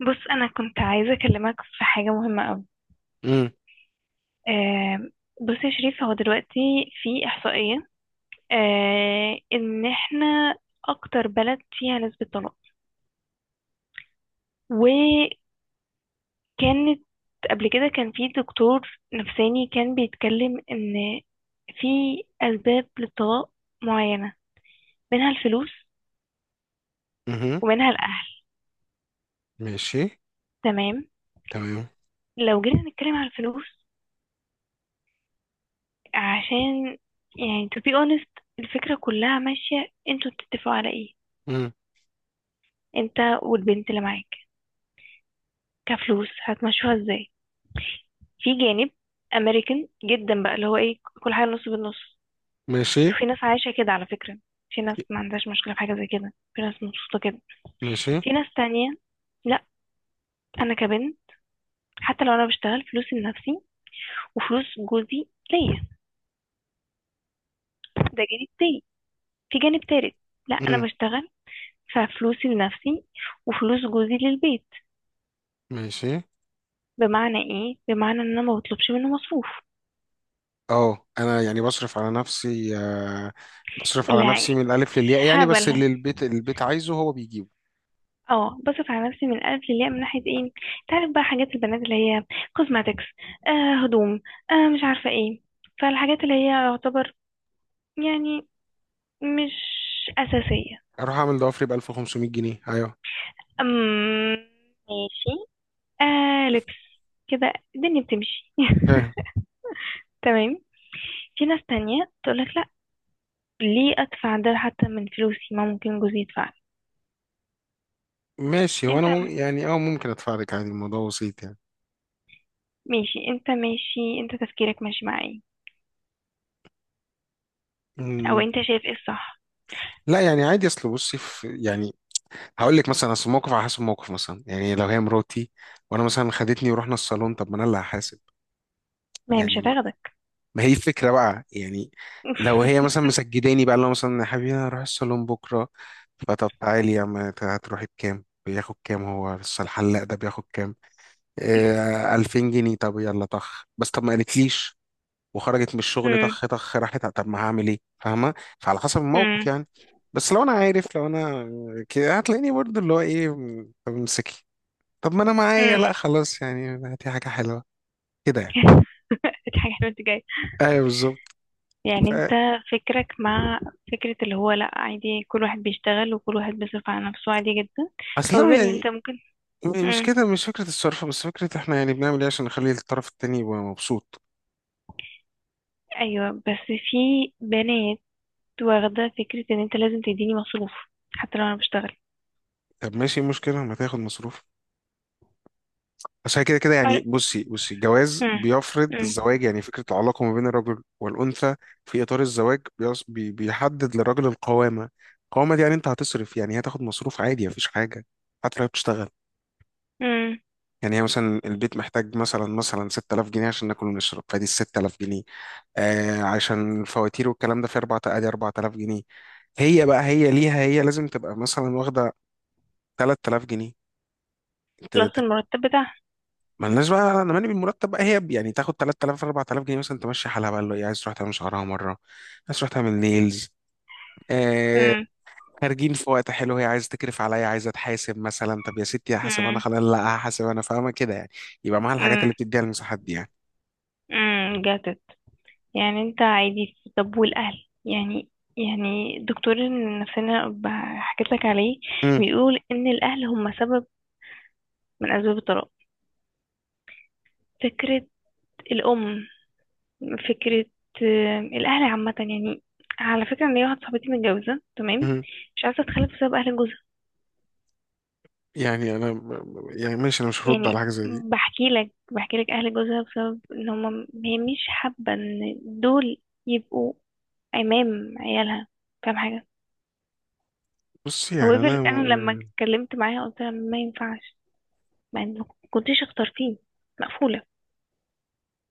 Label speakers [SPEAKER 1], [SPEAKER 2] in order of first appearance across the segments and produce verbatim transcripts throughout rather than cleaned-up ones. [SPEAKER 1] بص انا كنت عايزه اكلمك في حاجه مهمه قوي.
[SPEAKER 2] امم.
[SPEAKER 1] آه. بص يا شريف، هو دلوقتي في احصائيه آه ان احنا اكتر بلد فيها نسبه طلاق. وكانت قبل كده كان في دكتور نفساني كان بيتكلم ان في اسباب للطلاق معينه، منها الفلوس
[SPEAKER 2] امم.
[SPEAKER 1] ومنها الاهل.
[SPEAKER 2] ماشي.
[SPEAKER 1] تمام.
[SPEAKER 2] تمام.
[SPEAKER 1] لو جينا نتكلم على الفلوس، عشان يعني to be honest، الفكره كلها ماشيه، انتوا بتتفقوا على ايه؟
[SPEAKER 2] امم.
[SPEAKER 1] انت والبنت اللي معاك كفلوس هتمشوها ازاي؟ في جانب امريكان جدا بقى اللي هو ايه، كل حاجه نص بالنص.
[SPEAKER 2] ماشي،
[SPEAKER 1] في ناس عايشه كده على فكره، في ناس ما عندهاش مشكله في حاجه زي كده، في ناس مبسوطه كده.
[SPEAKER 2] ماشي.
[SPEAKER 1] في ناس تانية لا. انا كبنت، حتى لو انا بشتغل فلوسي لنفسي وفلوس جوزي ليا، ده جانب تاني. في جانب تالت، لا انا
[SPEAKER 2] امم.
[SPEAKER 1] بشتغل ففلوسي لنفسي وفلوس جوزي للبيت.
[SPEAKER 2] ماشي.
[SPEAKER 1] بمعنى ايه؟ بمعنى ان انا ما بطلبش منه مصروف.
[SPEAKER 2] اه، انا يعني بصرف على نفسي آه، بصرف على
[SPEAKER 1] لا،
[SPEAKER 2] نفسي من الالف للياء يعني، بس
[SPEAKER 1] هبل.
[SPEAKER 2] اللي البيت البيت عايزه هو بيجيبه.
[SPEAKER 1] اه بصرف على نفسي من الألف للياء، من ناحية ايه؟ تعرف بقى حاجات البنات اللي هي كوزماتكس، آه هدوم، آه مش عارفة ايه. فالحاجات اللي هي يعتبر يعني مش أساسية.
[SPEAKER 2] اروح اعمل ضوافري ب ألف وخمسمية جنيه. ايوه.
[SPEAKER 1] أم ماشي. آه لبس. كده الدنيا بتمشي
[SPEAKER 2] فاهم.
[SPEAKER 1] تمام. في ناس تانية تقولك لا، ليه أدفع ده حتى من فلوسي، ما ممكن جوزي يدفع.
[SPEAKER 2] ماشي. هو
[SPEAKER 1] انت،
[SPEAKER 2] انا مم- يعني اه ممكن ادفع لك عادي، الموضوع بسيط يعني.
[SPEAKER 1] ماشي انت ماشي انت تفكيرك ماشي مع ايه، او
[SPEAKER 2] مم،
[SPEAKER 1] انت شايف ايه الصح؟
[SPEAKER 2] لا يعني عادي، اصل بصي في يعني هقول لك مثلا، اصل الموقف على حسب الموقف، مثلا يعني لو هي مراتي وانا مثلا خدتني ورحنا الصالون، طب ما انا اللي هحاسب
[SPEAKER 1] ما هي مش
[SPEAKER 2] يعني.
[SPEAKER 1] هتاخدك.
[SPEAKER 2] ما هي الفكرة بقى يعني. لو هي مثلا مسجداني بقى، لو مثلا يا حبيبي انا هروح الصالون بكرة، فطب تعالي يا عم، أنت هتروحي بكام؟ بياخد كام هو بس الحلاق ده؟ بياخد كام؟ آه ألفين جنيه؟ طب يلا طخ بس، طب ما قالتليش وخرجت من الشغل طخ طخ راحت، طب ما هعمل ايه فاهمة؟ فعلى حسب الموقف
[SPEAKER 1] امم
[SPEAKER 2] يعني. بس لو انا عارف، لو انا كده هتلاقيني برضه اللي هو ايه، م- طب امسكي، طب ما انا
[SPEAKER 1] امم
[SPEAKER 2] معايا، لا خلاص يعني، هاتي حاجة حلوة كده يعني.
[SPEAKER 1] اضحك على وانت جاي.
[SPEAKER 2] ايوه بالظبط.
[SPEAKER 1] يعني
[SPEAKER 2] ف-
[SPEAKER 1] انت فكرك مع فكرة اللي هو لا عادي، كل واحد بيشتغل وكل واحد بيصرف على نفسه عادي جدا.
[SPEAKER 2] اصلا
[SPEAKER 1] However ان انت
[SPEAKER 2] يعني،
[SPEAKER 1] ممكن.
[SPEAKER 2] م- مش
[SPEAKER 1] امم.
[SPEAKER 2] كده، مش فكرة الصرف، بس فكرة احنا يعني بنعمل ايه عشان نخلي الطرف التاني يبقى مبسوط.
[SPEAKER 1] ايوه، بس في بنات واخدة فكرة ان انت لازم تديني مصروف حتى لو انا بشتغل.
[SPEAKER 2] طب ماشي، إيه المشكلة ما تاخد مصروف؟ بس هي كده كده يعني،
[SPEAKER 1] أر-
[SPEAKER 2] بصي بصي الجواز
[SPEAKER 1] امم.
[SPEAKER 2] بيفرض
[SPEAKER 1] امم.
[SPEAKER 2] الزواج، يعني فكرة العلاقة ما بين الرجل والأنثى في إطار الزواج بيص- بي- بيحدد للراجل القوامة. القوامة دي يعني انت هتصرف، يعني هتاخد مصروف عادي، مفيش حاجة حتى لو بتشتغل.
[SPEAKER 1] امم.
[SPEAKER 2] يعني هي مثلا البيت محتاج مثلا مثلا ستة آلاف جنيه عشان ناكل ونشرب، فدي ال ستة آلاف جنيه. آه عشان الفواتير والكلام ده في أربعة، ادي أربعة آلاف جنيه. هي بقى، هي ليها، هي لازم تبقى مثلا واخده ثلاثة آلاف جنيه. ت-
[SPEAKER 1] بلس
[SPEAKER 2] ت-
[SPEAKER 1] المرتب بتاعها.
[SPEAKER 2] مالناش بقى، انا مالي بالمرتب بقى، هي يعني تاخد تلت آلاف أربعة آلاف جنيه مثلا تمشي حالها بقى، اللي هي عايز تروح تعمل شعرها مره، عايز تروح تعمل نيلز. آه.
[SPEAKER 1] امم.
[SPEAKER 2] خارجين في وقت حلو، هي عايزه تكرف عليا، عايزه تحاسب مثلا، طب يا ستي هحاسب انا،
[SPEAKER 1] امم.
[SPEAKER 2] خلاص، لا هحاسب انا، فاهمه كده يعني. يبقى معاها الحاجات
[SPEAKER 1] امم.
[SPEAKER 2] اللي بتديها، المساحات دي
[SPEAKER 1] امم. Got it. يعني انت عادي، في- طب والاهل يعني، يعني دكتور النفسانة ب- حكيت لك عليه،
[SPEAKER 2] يعني.
[SPEAKER 1] بيقول ان الاهل هم سبب من اسباب الطلاق. فكرة الام، فكرة آه، الاهل عامة يعني. على فكرة ان هي واحدة صاحبتي متجوزة تمام،
[SPEAKER 2] مهم.
[SPEAKER 1] مش عايزة تتخلف بسبب اهل جوزها.
[SPEAKER 2] يعني انا يعني ماشي، انا مش هرد على
[SPEAKER 1] يعني
[SPEAKER 2] حاجه زي دي.
[SPEAKER 1] بحكي لك بحكي لك اهل جوزها، بسبب ان هم، هي مش حابة ان دول يبقوا امام عيالها. فاهم حاجة؟
[SPEAKER 2] بص يعني
[SPEAKER 1] However
[SPEAKER 2] انا،
[SPEAKER 1] انا لما اتكلمت معاها قلت لها ما ينفعش. ما إن- كنتيش اختار فيه. مقفولة.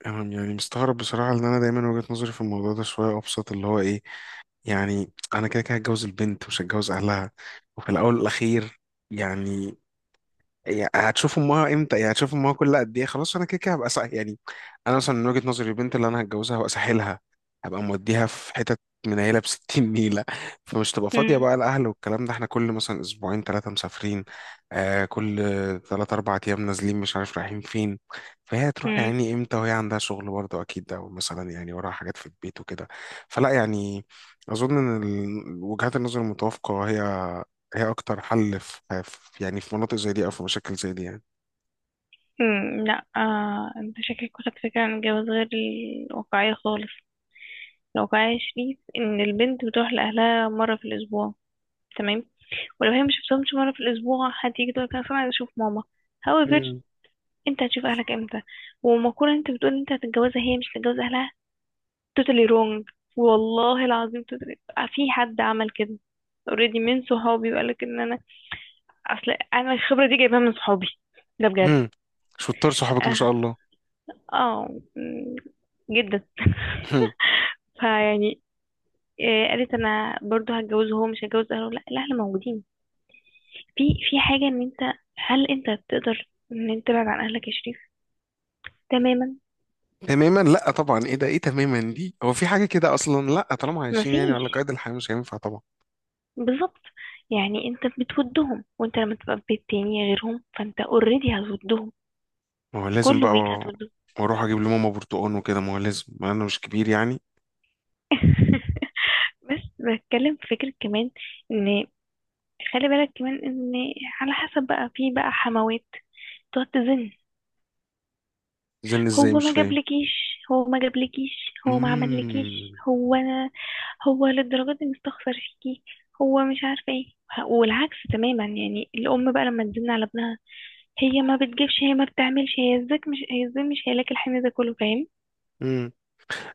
[SPEAKER 2] انا يعني مستغرب بصراحه ان انا دايما وجهه نظري في الموضوع ده شويه ابسط، اللي هو ايه، يعني انا كده كده هتجوز البنت مش هتجوز اهلها، وفي الاول والاخير يعني. يعني هتشوفوا امها امتى؟ يعني هتشوفوا امها كل قد ايه؟ خلاص انا كده كده هبقى صح يعني. انا مثلا من وجهة نظري البنت اللي انا هتجوزها هبقى ساحلها، هبقى موديها في حتت منيله ب ستين نيله. فمش تبقى فاضيه
[SPEAKER 1] مم.
[SPEAKER 2] بقى الاهل والكلام ده، احنا كل مثلا اسبوعين ثلاثه مسافرين، آه كل ثلاث اربع ايام نازلين مش عارف رايحين فين. فهي هتروح
[SPEAKER 1] مم.
[SPEAKER 2] يعني امتى وهي عندها شغل برضه اكيد، ده مثلا يعني وراها حاجات في البيت وكده. فلا يعني، اظن ان ال- وجهات النظر المتوافقه هي، هي اكتر حل في في- يعني في مناطق زي دي او في مشاكل زي دي يعني.
[SPEAKER 1] مم. لا، آه. انت شكلك واخد فكرة عن الجواز غير الواقعية خالص. الواقعية يا شريف ان البنت بتروح لأهلها مرة في الأسبوع، تمام، ولو هي مش شفتهمش مرة في الأسبوع هتيجي تقول لك أنا أصلاً عايزة أشوف ماما. However
[SPEAKER 2] مم.
[SPEAKER 1] انت هتشوف أهلك امتى؟ ومقولة انت بتقول انت هتتجوزها هي مش هتتجوز أهلها، totally wrong. والله العظيم totally. في حد عمل كده اوريدي من صحابي، وقالك ان، اصل انا الخبره دي جايبها من صحابي، ده بجد.
[SPEAKER 2] هم. شطار صحابك ما شاء
[SPEAKER 1] اه.
[SPEAKER 2] الله.
[SPEAKER 1] آه. مم. جدا.
[SPEAKER 2] هم.
[SPEAKER 1] فيعني آه، قالت انا برضو هتجوزه هو مش هتجوز اهله، لا الاهل موجودين. في في حاجه ان انت، هل انت تقدر ان انت تبعد عن اهلك يا شريف تماما؟
[SPEAKER 2] تماما، لا طبعا، ايه ده؟ ايه تماما دي؟ هو في حاجه كده اصلا؟ لا طالما عايشين يعني على
[SPEAKER 1] مفيش.
[SPEAKER 2] قيد الحياه مش هينفع طبعا.
[SPEAKER 1] بالظبط. يعني انت بتودهم، وانت لما تبقى في بيت تاني غيرهم فانت اوريدي هتودهم.
[SPEAKER 2] ما هو لازم
[SPEAKER 1] كل
[SPEAKER 2] بقى،
[SPEAKER 1] ويك هتودهم.
[SPEAKER 2] واروح اجيب لماما برتقان وكده، ما هو لازم، ما انا مش كبير يعني.
[SPEAKER 1] بس بتكلم في فكره كمان، ان خلي بالك كمان ان على حسب بقى، في بقى حموات تقعد تزن،
[SPEAKER 2] زن ازاي؟
[SPEAKER 1] هو
[SPEAKER 2] مش
[SPEAKER 1] ما
[SPEAKER 2] فاهم.
[SPEAKER 1] جابلكيش هو ما جابلكيش هو ما عملكيش، هو انا، هو للدرجة دي مستخسر فيكي، هو مش عارفة ايه. والعكس تماما يعني الام بقى لما تزن على ابنها، هي ما بتجيبش، هي ما بتعملش، هي ازاك مش هي ازاي مش هيلاقي الحمل ده كله، فاهم؟
[SPEAKER 2] امم.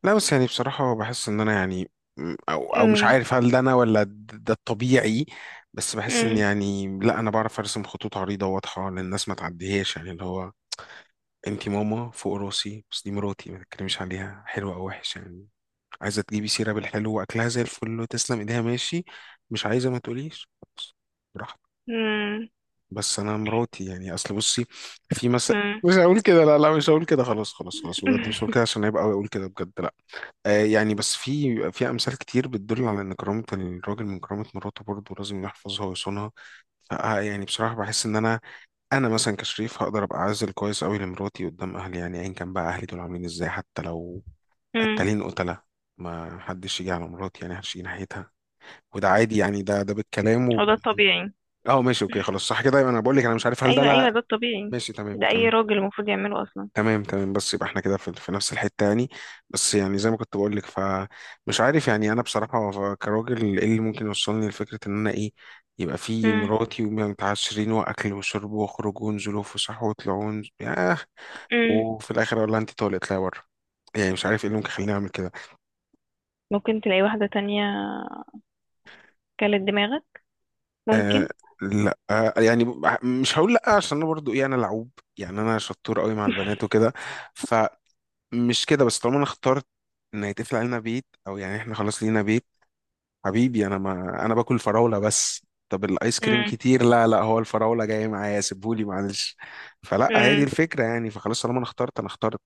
[SPEAKER 2] لا بس يعني بصراحة بحس ان انا يعني، م- او او مش
[SPEAKER 1] امم.
[SPEAKER 2] عارف هل ده انا ولا د- ده الطبيعي. بس بحس ان
[SPEAKER 1] امم.
[SPEAKER 2] يعني، لا انا بعرف ارسم خطوط عريضة واضحة للناس ما تعديهاش، يعني اللي هو انتي ماما فوق راسي، بس دي مراتي، ما تتكلميش عليها حلوة او وحش يعني. عايزة تجيبي سيرة بالحلو واكلها زي الفل وتسلم ايديها، ماشي. مش عايزة ما تقوليش، بس براحتك.
[SPEAKER 1] امم.
[SPEAKER 2] بس انا مراتي يعني، اصل بصي، في مثل،
[SPEAKER 1] امم.
[SPEAKER 2] مش هقول كده، لا لا مش هقول كده، خلاص خلاص خلاص بجد مش هقول كده عشان هيبقى اقول كده بجد، لا. آه، يعني بس في في امثال كتير بتدل على ان كرامه الراجل من كرامه مراته برضه لازم يحفظها ويصونها. ف آه، يعني بصراحه بحس ان انا، انا مثلا كشريف هقدر ابقى عازل كويس قوي لمراتي قدام اهلي، يعني ايا كان بقى اهلي دول عاملين ازاي، حتى لو
[SPEAKER 1] امم.
[SPEAKER 2] قتالين قتله، ما حدش يجي على مراتي، يعني محدش يجي ناحيتها. وده عادي يعني، ده ده بالكلام
[SPEAKER 1] هو
[SPEAKER 2] وب...
[SPEAKER 1] ده الطبيعي.
[SPEAKER 2] اه ماشي اوكي، خلاص صح كده، يبقى انا بقول لك انا مش عارف هل ده،
[SPEAKER 1] ايوه ايوه
[SPEAKER 2] لا،
[SPEAKER 1] ده الطبيعي.
[SPEAKER 2] ماشي تمام
[SPEAKER 1] ده اي
[SPEAKER 2] تمام.
[SPEAKER 1] راجل المفروض يعمله اصلا.
[SPEAKER 2] تمام تمام، بس يبقى احنا كده في، في نفس الحتة يعني. بس يعني زي ما كنت بقول لك، فمش عارف يعني انا بصراحة، ف- كراجل ايه اللي ممكن يوصلني لفكرة ان انا ايه، يبقى في
[SPEAKER 1] امم.
[SPEAKER 2] مراتي ومتعشرين واكل وشرب واخرج ونزل وفسح وطلعوا ونز- ياه،
[SPEAKER 1] امم.
[SPEAKER 2] وفي الاخر اقول لها انت طالق اطلعي بره. يعني مش عارف ايه اللي ممكن يخليني اعمل كده.
[SPEAKER 1] ممكن تلاقي واحدة تانية كلت دماغك،
[SPEAKER 2] آه.
[SPEAKER 1] ممكن.
[SPEAKER 2] لا آه يعني ب- مش هقول لا، عشان انا برضو ايه انا لعوب، يعني انا شطور قوي مع البنات وكده. فمش كده، بس طالما انا اخترت ان هيتقفل علينا بيت، او يعني احنا خلاص لينا بيت، حبيبي انا ما انا باكل فراوله بس، طب الايس كريم
[SPEAKER 1] امم.
[SPEAKER 2] كتير، لا لا هو الفراوله جايه معايا سيبهولي معلش. فلا هي دي
[SPEAKER 1] امم.
[SPEAKER 2] الفكره يعني، فخلاص طالما انا اخترت، انا اخترت.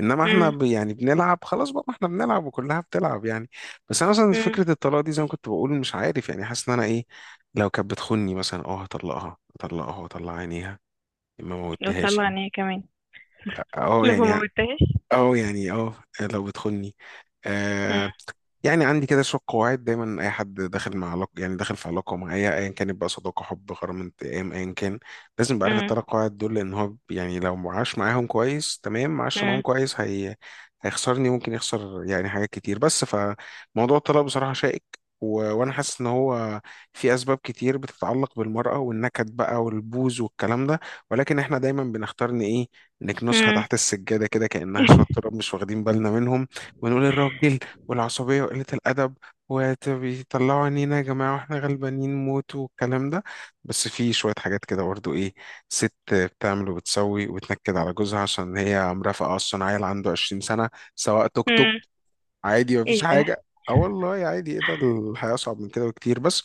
[SPEAKER 2] انما احنا
[SPEAKER 1] امم.
[SPEAKER 2] ب... يعني بنلعب، خلاص بقى ما احنا بنلعب وكلها بتلعب يعني. بس انا مثلا
[SPEAKER 1] امم.
[SPEAKER 2] فكره الطلاق دي زي ما كنت بقول، مش عارف يعني، حاسس ان انا ايه، لو كانت بتخوني مثلا اه هطلقها، هطلقها واطلع عينيها، ما موتهاش
[SPEAKER 1] وطلع
[SPEAKER 2] يعني.
[SPEAKER 1] عينيا كمان
[SPEAKER 2] اه
[SPEAKER 1] لما
[SPEAKER 2] يعني
[SPEAKER 1] موتهاش.
[SPEAKER 2] اه يعني اه، لو بتخوني،
[SPEAKER 1] امم.
[SPEAKER 2] آه، يعني عندي كده شوية قواعد، دايما أي حد داخل مع علاقة، يعني داخل في علاقة معايا أيا كانت بقى، صداقة حب غرام انتقام أيا كان، لازم يبقى عارف
[SPEAKER 1] امم.
[SPEAKER 2] التلات قواعد دول، لأن هو يعني لو ما عاش معاهم كويس، تمام، ما عاش معاهم كويس، هي هيخسرني، ممكن يخسر يعني حاجات كتير. بس فموضوع الطلاق بصراحة شائك، و... وأنا حاسس إن هو في أسباب كتير بتتعلق بالمرأة والنكد بقى والبوز والكلام ده، ولكن إحنا دايما بنختار إن إيه،
[SPEAKER 1] امم.
[SPEAKER 2] نكنسها
[SPEAKER 1] امم.
[SPEAKER 2] تحت السجادة كده كأنها شوية تراب مش واخدين بالنا منهم. ونقول الراجل والعصبية وقلة الأدب وبيطلعوا عينينا يا جماعة واحنا غلبانين موت والكلام ده. بس في شوية حاجات كده برضو إيه، ست بتعمل وبتسوي وتنكد على جوزها عشان هي مرافقة أصلا عيل عنده عشرين سنة، سواق توك توك. عادي مفيش
[SPEAKER 1] ايه ده؟
[SPEAKER 2] حاجة، اه والله عادي، ايه ده؟ الحياة أصعب من كده بكتير. بس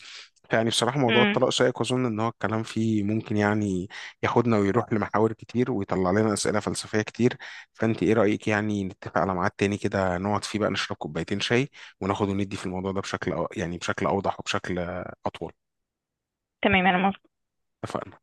[SPEAKER 2] يعني بصراحة موضوع
[SPEAKER 1] امم.
[SPEAKER 2] الطلاق شائك، وأظن إن هو الكلام فيه ممكن يعني ياخدنا ويروح لمحاور كتير ويطلع لنا أسئلة فلسفية كتير. فأنت إيه رأيك يعني، نتفق على ميعاد تاني كده نقعد فيه بقى نشرب كوبايتين شاي، وناخد وندي في الموضوع ده بشكل أو- يعني بشكل أوضح وبشكل أطول.
[SPEAKER 1] تمام انا
[SPEAKER 2] اتفقنا.